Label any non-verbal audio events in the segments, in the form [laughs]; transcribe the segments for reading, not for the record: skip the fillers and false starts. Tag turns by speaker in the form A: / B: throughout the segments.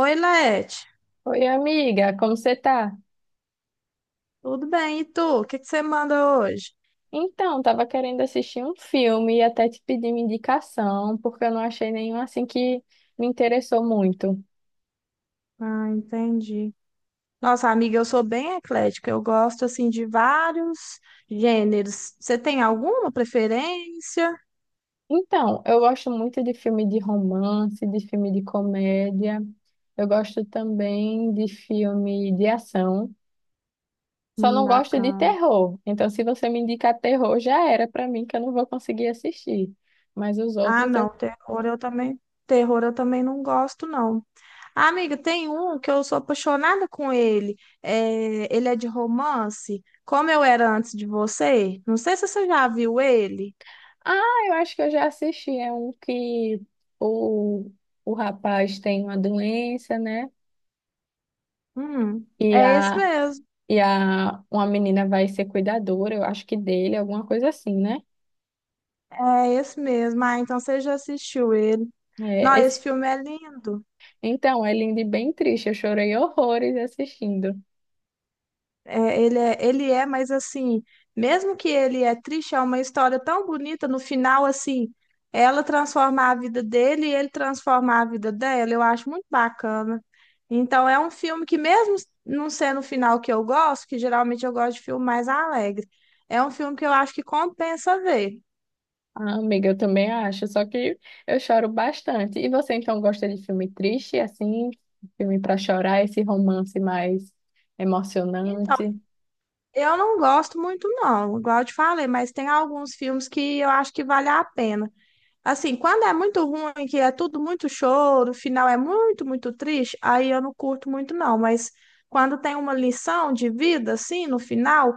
A: Oi, Lete.
B: Oi, amiga, como você tá?
A: Tudo bem? E tu? O que que você manda hoje?
B: Então, tava querendo assistir um filme e até te pedir uma indicação, porque eu não achei nenhum assim que me interessou muito.
A: Ah, entendi. Nossa, amiga, eu sou bem eclética. Eu gosto, assim, de vários gêneros. Você tem alguma preferência?
B: Então, eu gosto muito de filme de romance, de filme de comédia. Eu gosto também de filme de ação. Só não gosto de
A: Bacana.
B: terror. Então, se você me indicar terror, já era pra mim que eu não vou conseguir assistir. Mas os
A: Ah,
B: outros
A: não.
B: eu
A: Terror eu também não gosto, não. Ah, amiga, tem um que eu sou apaixonada com ele. Ele é de romance. Como eu era antes de você. Não sei se você já viu ele.
B: Ah, eu acho que eu já assisti. É um que o, o rapaz tem uma doença, né? E
A: É esse
B: a,
A: mesmo.
B: e a uma menina vai ser cuidadora, eu acho que dele, alguma coisa assim, né?
A: É esse mesmo. Ah, então você já assistiu ele. Não,
B: É,
A: esse
B: esse-
A: filme é lindo.
B: então, é lindo e bem triste. Eu chorei horrores assistindo.
A: É, ele é, mas assim, mesmo que ele é triste, é uma história tão bonita. No final, assim, ela transformar a vida dele e ele transformar a vida dela. Eu acho muito bacana. Então, é um filme que, mesmo não sendo o final que eu gosto, que geralmente eu gosto de filme mais alegre, é um filme que eu acho que compensa ver.
B: Ah, amiga, eu também acho, só que eu choro bastante. E você então gosta de filme triste, assim, filme para chorar, esse romance mais
A: Então,
B: emocionante?
A: eu não gosto muito, não, igual eu te falei, mas tem alguns filmes que eu acho que vale a pena. Assim, quando é muito ruim, que é tudo muito choro, o final é muito, muito triste, aí eu não curto muito, não. Mas quando tem uma lição de vida, assim, no final,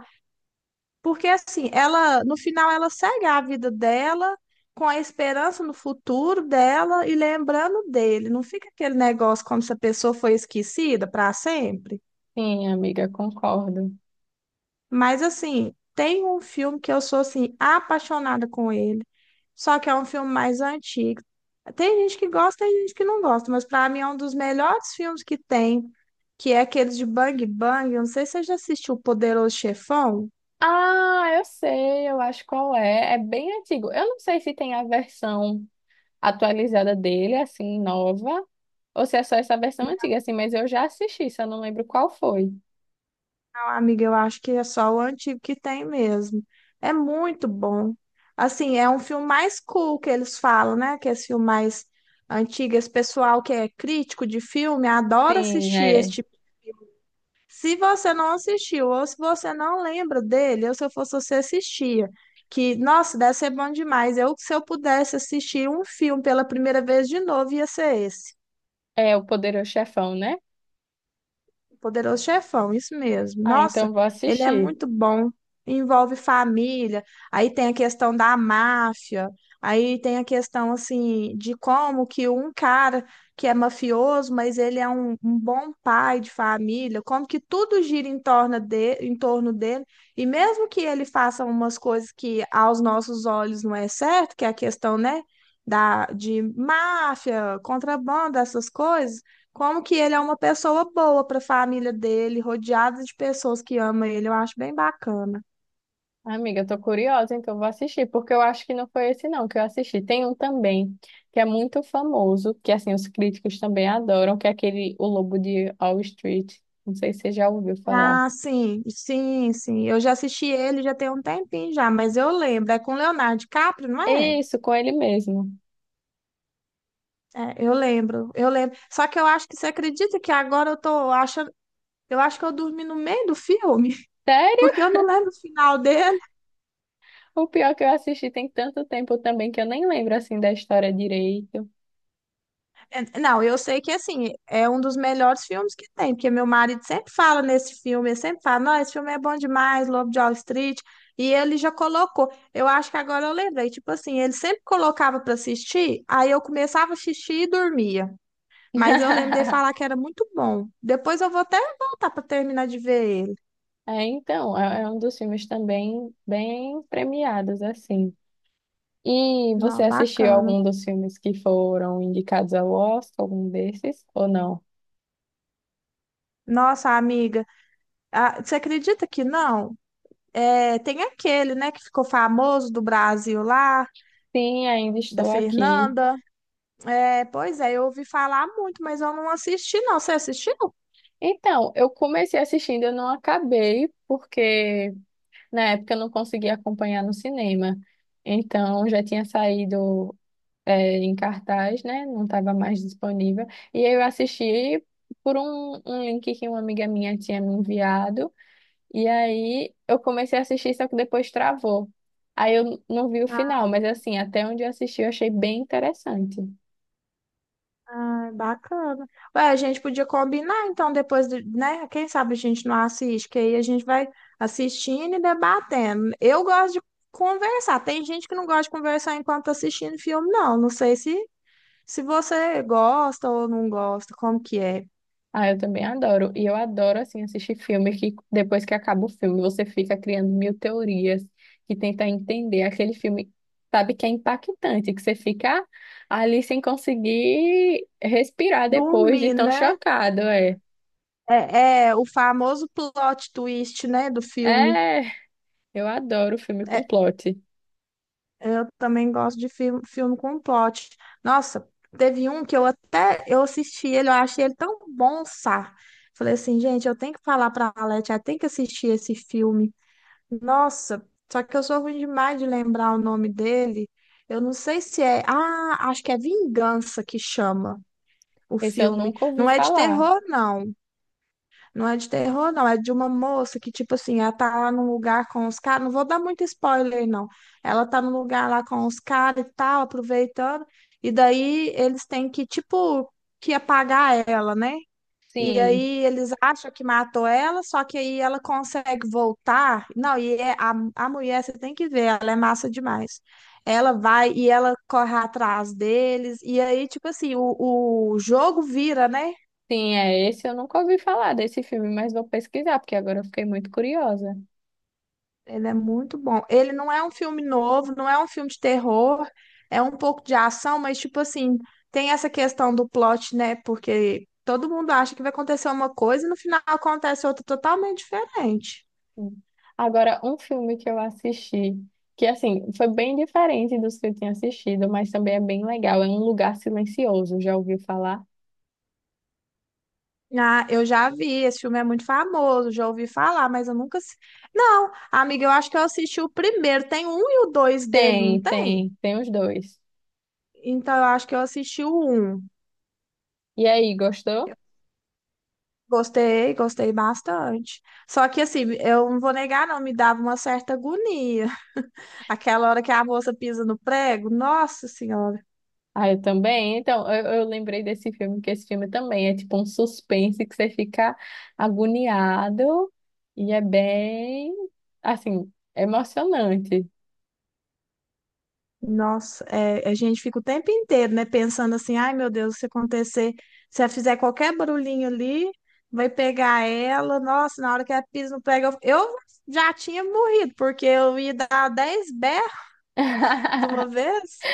A: porque assim, ela, no final, ela segue a vida dela com a esperança no futuro dela e lembrando dele. Não fica aquele negócio como se a pessoa foi esquecida para sempre.
B: Sim, amiga, concordo.
A: Mas assim, tem um filme que eu sou assim apaixonada com ele, só que é um filme mais antigo. Tem gente que gosta, tem gente que não gosta, mas para mim é um dos melhores filmes que tem, que é aquele de Bang Bang. Eu não sei se você já assistiu O Poderoso Chefão.
B: Ah, eu sei, eu acho qual é. É bem antigo. Eu não sei se tem a versão atualizada dele, assim, nova, ou se é só essa versão antiga, assim, mas eu já assisti, só não lembro qual foi.
A: Não, amiga, eu acho que é só o antigo que tem mesmo. É muito bom. Assim, é um filme mais cool que eles falam, né? Que é esse filme mais antigo. Esse pessoal que é crítico de filme adora
B: Sim,
A: assistir
B: é.
A: esse. Se você não assistiu ou se você não lembra dele, ou se eu fosse você assistia, que, nossa, deve ser bom demais. Eu, se eu pudesse assistir um filme pela primeira vez de novo, ia ser esse.
B: É o Poderoso Chefão, né?
A: Poderoso Chefão, isso mesmo.
B: Ah,
A: Nossa,
B: então vou
A: ele é
B: assistir.
A: muito bom. Envolve família, aí tem a questão da máfia, aí tem a questão assim de como que um cara que é mafioso, mas ele é um bom pai de família, como que tudo gira em torno em torno dele, e mesmo que ele faça umas coisas que aos nossos olhos não é certo, que é a questão, né, de máfia, contrabando, essas coisas como que ele é uma pessoa boa para a família dele, rodeado de pessoas que amam ele, eu acho bem bacana.
B: Amiga, eu tô curiosa, então vou assistir, porque eu acho que não foi esse não que eu assisti. Tem um também, que é muito famoso, que assim, os críticos também adoram, que é aquele O Lobo de Wall Street. Não sei se você já ouviu falar.
A: Ah, sim, sim, sim. Eu já assisti ele já tem um tempinho já, mas eu lembro. É com Leonardo DiCaprio, não é?
B: Isso, com ele mesmo.
A: É, eu lembro, eu lembro. Só que eu acho que você acredita que agora eu tô achando. Eu acho que eu dormi no meio do filme, [laughs] porque
B: Sério?
A: eu não lembro o final dele.
B: O pior que eu assisti tem tanto tempo também que eu nem lembro assim da história direito.
A: É, não, eu sei que assim, é um dos melhores filmes que tem, porque meu marido sempre fala nesse filme, ele sempre fala, não, esse filme é bom demais, Lobo de Wall Street, e ele já colocou. Eu acho que agora eu lembrei, tipo assim, ele sempre colocava pra assistir, aí eu começava a assistir e dormia. Mas eu lembro dele falar que
B: [laughs]
A: era muito bom. Depois eu vou até voltar pra terminar de ver ele.
B: Então, é um dos filmes também bem premiados assim. E você
A: Não,
B: assistiu
A: bacana.
B: algum dos filmes que foram indicados ao Oscar, algum desses ou não?
A: Nossa, amiga, ah, você acredita que não? É, tem aquele, né, que ficou famoso do Brasil lá,
B: Sim, ainda
A: da
B: estou aqui.
A: Fernanda. É, pois é, eu ouvi falar muito, mas eu não assisti, não. Você assistiu?
B: Então, eu comecei assistindo, eu não acabei porque na época eu não conseguia acompanhar no cinema. Então, já tinha saído é, em cartaz, né? Não estava mais disponível. E aí eu assisti por um link que uma amiga minha tinha me enviado. E aí eu comecei a assistir, só que depois travou. Aí eu não vi o final, mas assim, até onde eu assisti, eu achei bem interessante.
A: Ah, bacana. Ué, a gente podia combinar, então, depois, de, né? Quem sabe a gente não assiste, que aí a gente vai assistindo e debatendo. Eu gosto de conversar. Tem gente que não gosta de conversar enquanto tá assistindo filme, não. Não sei se você gosta ou não gosta, como que é.
B: Ah, eu também adoro. E eu adoro, assim, assistir filme que depois que acaba o filme, você fica criando mil teorias que tenta entender aquele filme, sabe, que é impactante, que você fica ali sem conseguir respirar depois de
A: Dormir,
B: tão
A: né?
B: chocado, é.
A: É o famoso plot twist, né, do filme.
B: É, eu adoro filme com plot.
A: Eu também gosto de filme com plot. Nossa, teve um que eu até eu assisti ele, eu achei ele tão bom, sá. Falei assim, gente, eu tenho que falar pra Alete, ela tem que assistir esse filme. Nossa, só que eu sou ruim demais de lembrar o nome dele. Eu não sei se é. Ah, acho que é Vingança que chama o
B: Esse eu
A: filme.
B: nunca ouvi
A: Não é de
B: falar.
A: terror, não. Não é de terror, não. É de uma moça que, tipo assim, ela tá lá num lugar com os caras. Não vou dar muito spoiler, não. Ela tá num lugar lá com os caras e tal, aproveitando. E daí eles têm que, tipo, que apagar ela, né? E
B: Sim,
A: aí eles acham que matou ela, só que aí ela consegue voltar. Não, e a mulher, você tem que ver, ela é massa demais. Ela vai e ela corre atrás deles. E aí, tipo assim, o jogo vira, né?
B: sim, é esse eu nunca ouvi falar desse filme, mas vou pesquisar, porque agora eu fiquei muito curiosa.
A: Ele é muito bom. Ele não é um filme novo, não é um filme de terror, é um pouco de ação, mas tipo assim, tem essa questão do plot, né? Porque todo mundo acha que vai acontecer uma coisa e no final acontece outra totalmente diferente.
B: Sim. Agora, um filme que eu assisti, que assim, foi bem diferente dos que eu tinha assistido, mas também é bem legal, é Um Lugar Silencioso, já ouviu falar?
A: Ah, eu já vi, esse filme é muito famoso, já ouvi falar, mas eu nunca. Não, amiga, eu acho que eu assisti o primeiro. Tem um e o dois dele, não
B: Tem,
A: tem?
B: tem, tem os dois.
A: Então eu acho que eu assisti o um.
B: E aí, gostou?
A: Gostei, gostei bastante. Só que assim, eu não vou negar, não, me dava uma certa agonia. [laughs] Aquela hora que a moça pisa no prego, nossa senhora,
B: Ah, eu também. Então, eu lembrei desse filme, que esse filme também é tipo um suspense que você fica agoniado e é bem, assim, emocionante.
A: nossa, é, a gente fica o tempo inteiro, né, pensando assim, ai meu Deus, se acontecer, se ela fizer qualquer barulhinho ali, vai pegar ela, nossa, na hora que ela pisa no prego, eu já tinha morrido, porque eu ia dar 10 berros de uma
B: [laughs]
A: vez.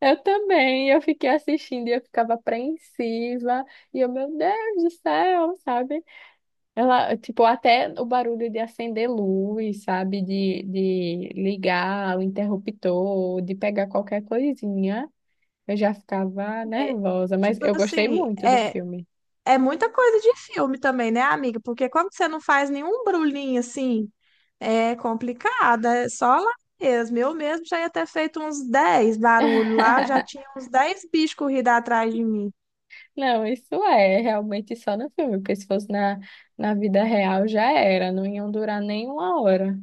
B: Eu também, eu fiquei assistindo e eu ficava apreensiva, e eu, meu Deus do céu, sabe? Ela, tipo, até o barulho de acender luz, sabe? De ligar o interruptor, de pegar qualquer coisinha, eu já ficava
A: É,
B: nervosa, mas
A: tipo
B: eu gostei
A: assim,
B: muito do filme.
A: É muita coisa de filme também, né, amiga? Porque quando você não faz nenhum brulhinho assim, é complicado, é só lá mesmo. Eu mesmo já ia ter feito uns 10 barulhos lá, eu já
B: [laughs]
A: tinha uns 10 bichos corridos atrás de mim.
B: Não, isso é realmente só no filme, porque se fosse na vida real já era, não iam durar nem uma hora.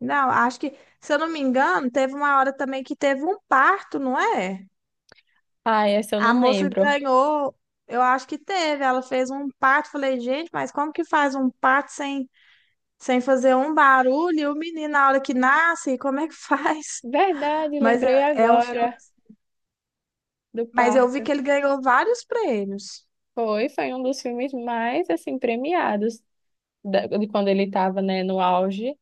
A: Não, acho que, se eu não me engano, teve uma hora também que teve um parto, não é?
B: Ah, essa eu
A: A
B: não
A: moça
B: lembro.
A: ganhou, eu acho que teve, ela fez um parto. Falei, gente, mas como que faz um parto sem fazer um barulho? E o menino, na hora que nasce, como é que [laughs] faz?
B: Verdade,
A: Mas
B: lembrei
A: é um filme.
B: agora. Do
A: Mas eu vi
B: parto.
A: que ele ganhou vários prêmios.
B: Foi um dos filmes mais assim premiados da- de quando ele estava, né, no auge,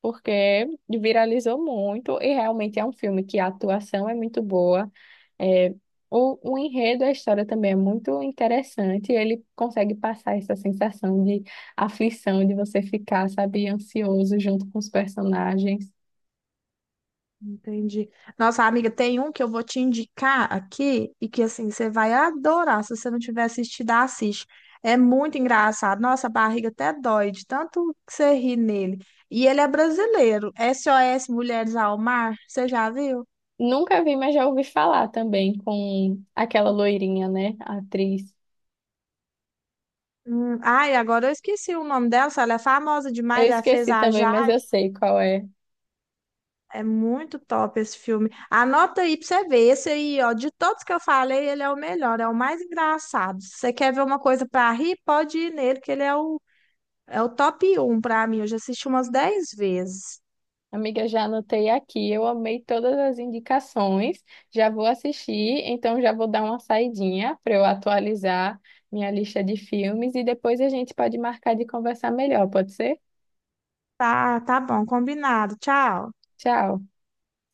B: porque viralizou muito e realmente é um filme que a atuação é muito boa. É, o enredo, a história também é muito interessante. E ele consegue passar essa sensação de aflição, de você ficar, sabe, ansioso junto com os personagens.
A: Entendi. Nossa, amiga, tem um que eu vou te indicar aqui e que assim você vai adorar. Se você não tiver assistido, assiste. É muito engraçado. Nossa, a barriga até dói de tanto que você ri nele. E ele é brasileiro. SOS Mulheres ao Mar. Você já viu?
B: Nunca vi, mas já ouvi falar também com aquela loirinha, né, a atriz.
A: Ai, agora eu esqueci o nome dela. Ela é famosa
B: Eu
A: demais. Ela fez
B: esqueci
A: a.
B: também, mas eu sei qual é.
A: É muito top esse filme. Anota aí pra você ver. Esse aí, ó, de todos que eu falei, ele é o melhor, é o mais engraçado. Se você quer ver uma coisa pra rir, pode ir nele, que ele é o top um pra mim. Eu já assisti umas 10 vezes.
B: Amiga, já anotei aqui, eu amei todas as indicações, já vou assistir, então já vou dar uma saidinha para eu atualizar minha lista de filmes e depois a gente pode marcar de conversar melhor, pode ser?
A: Tá, tá bom, combinado. Tchau.
B: Tchau.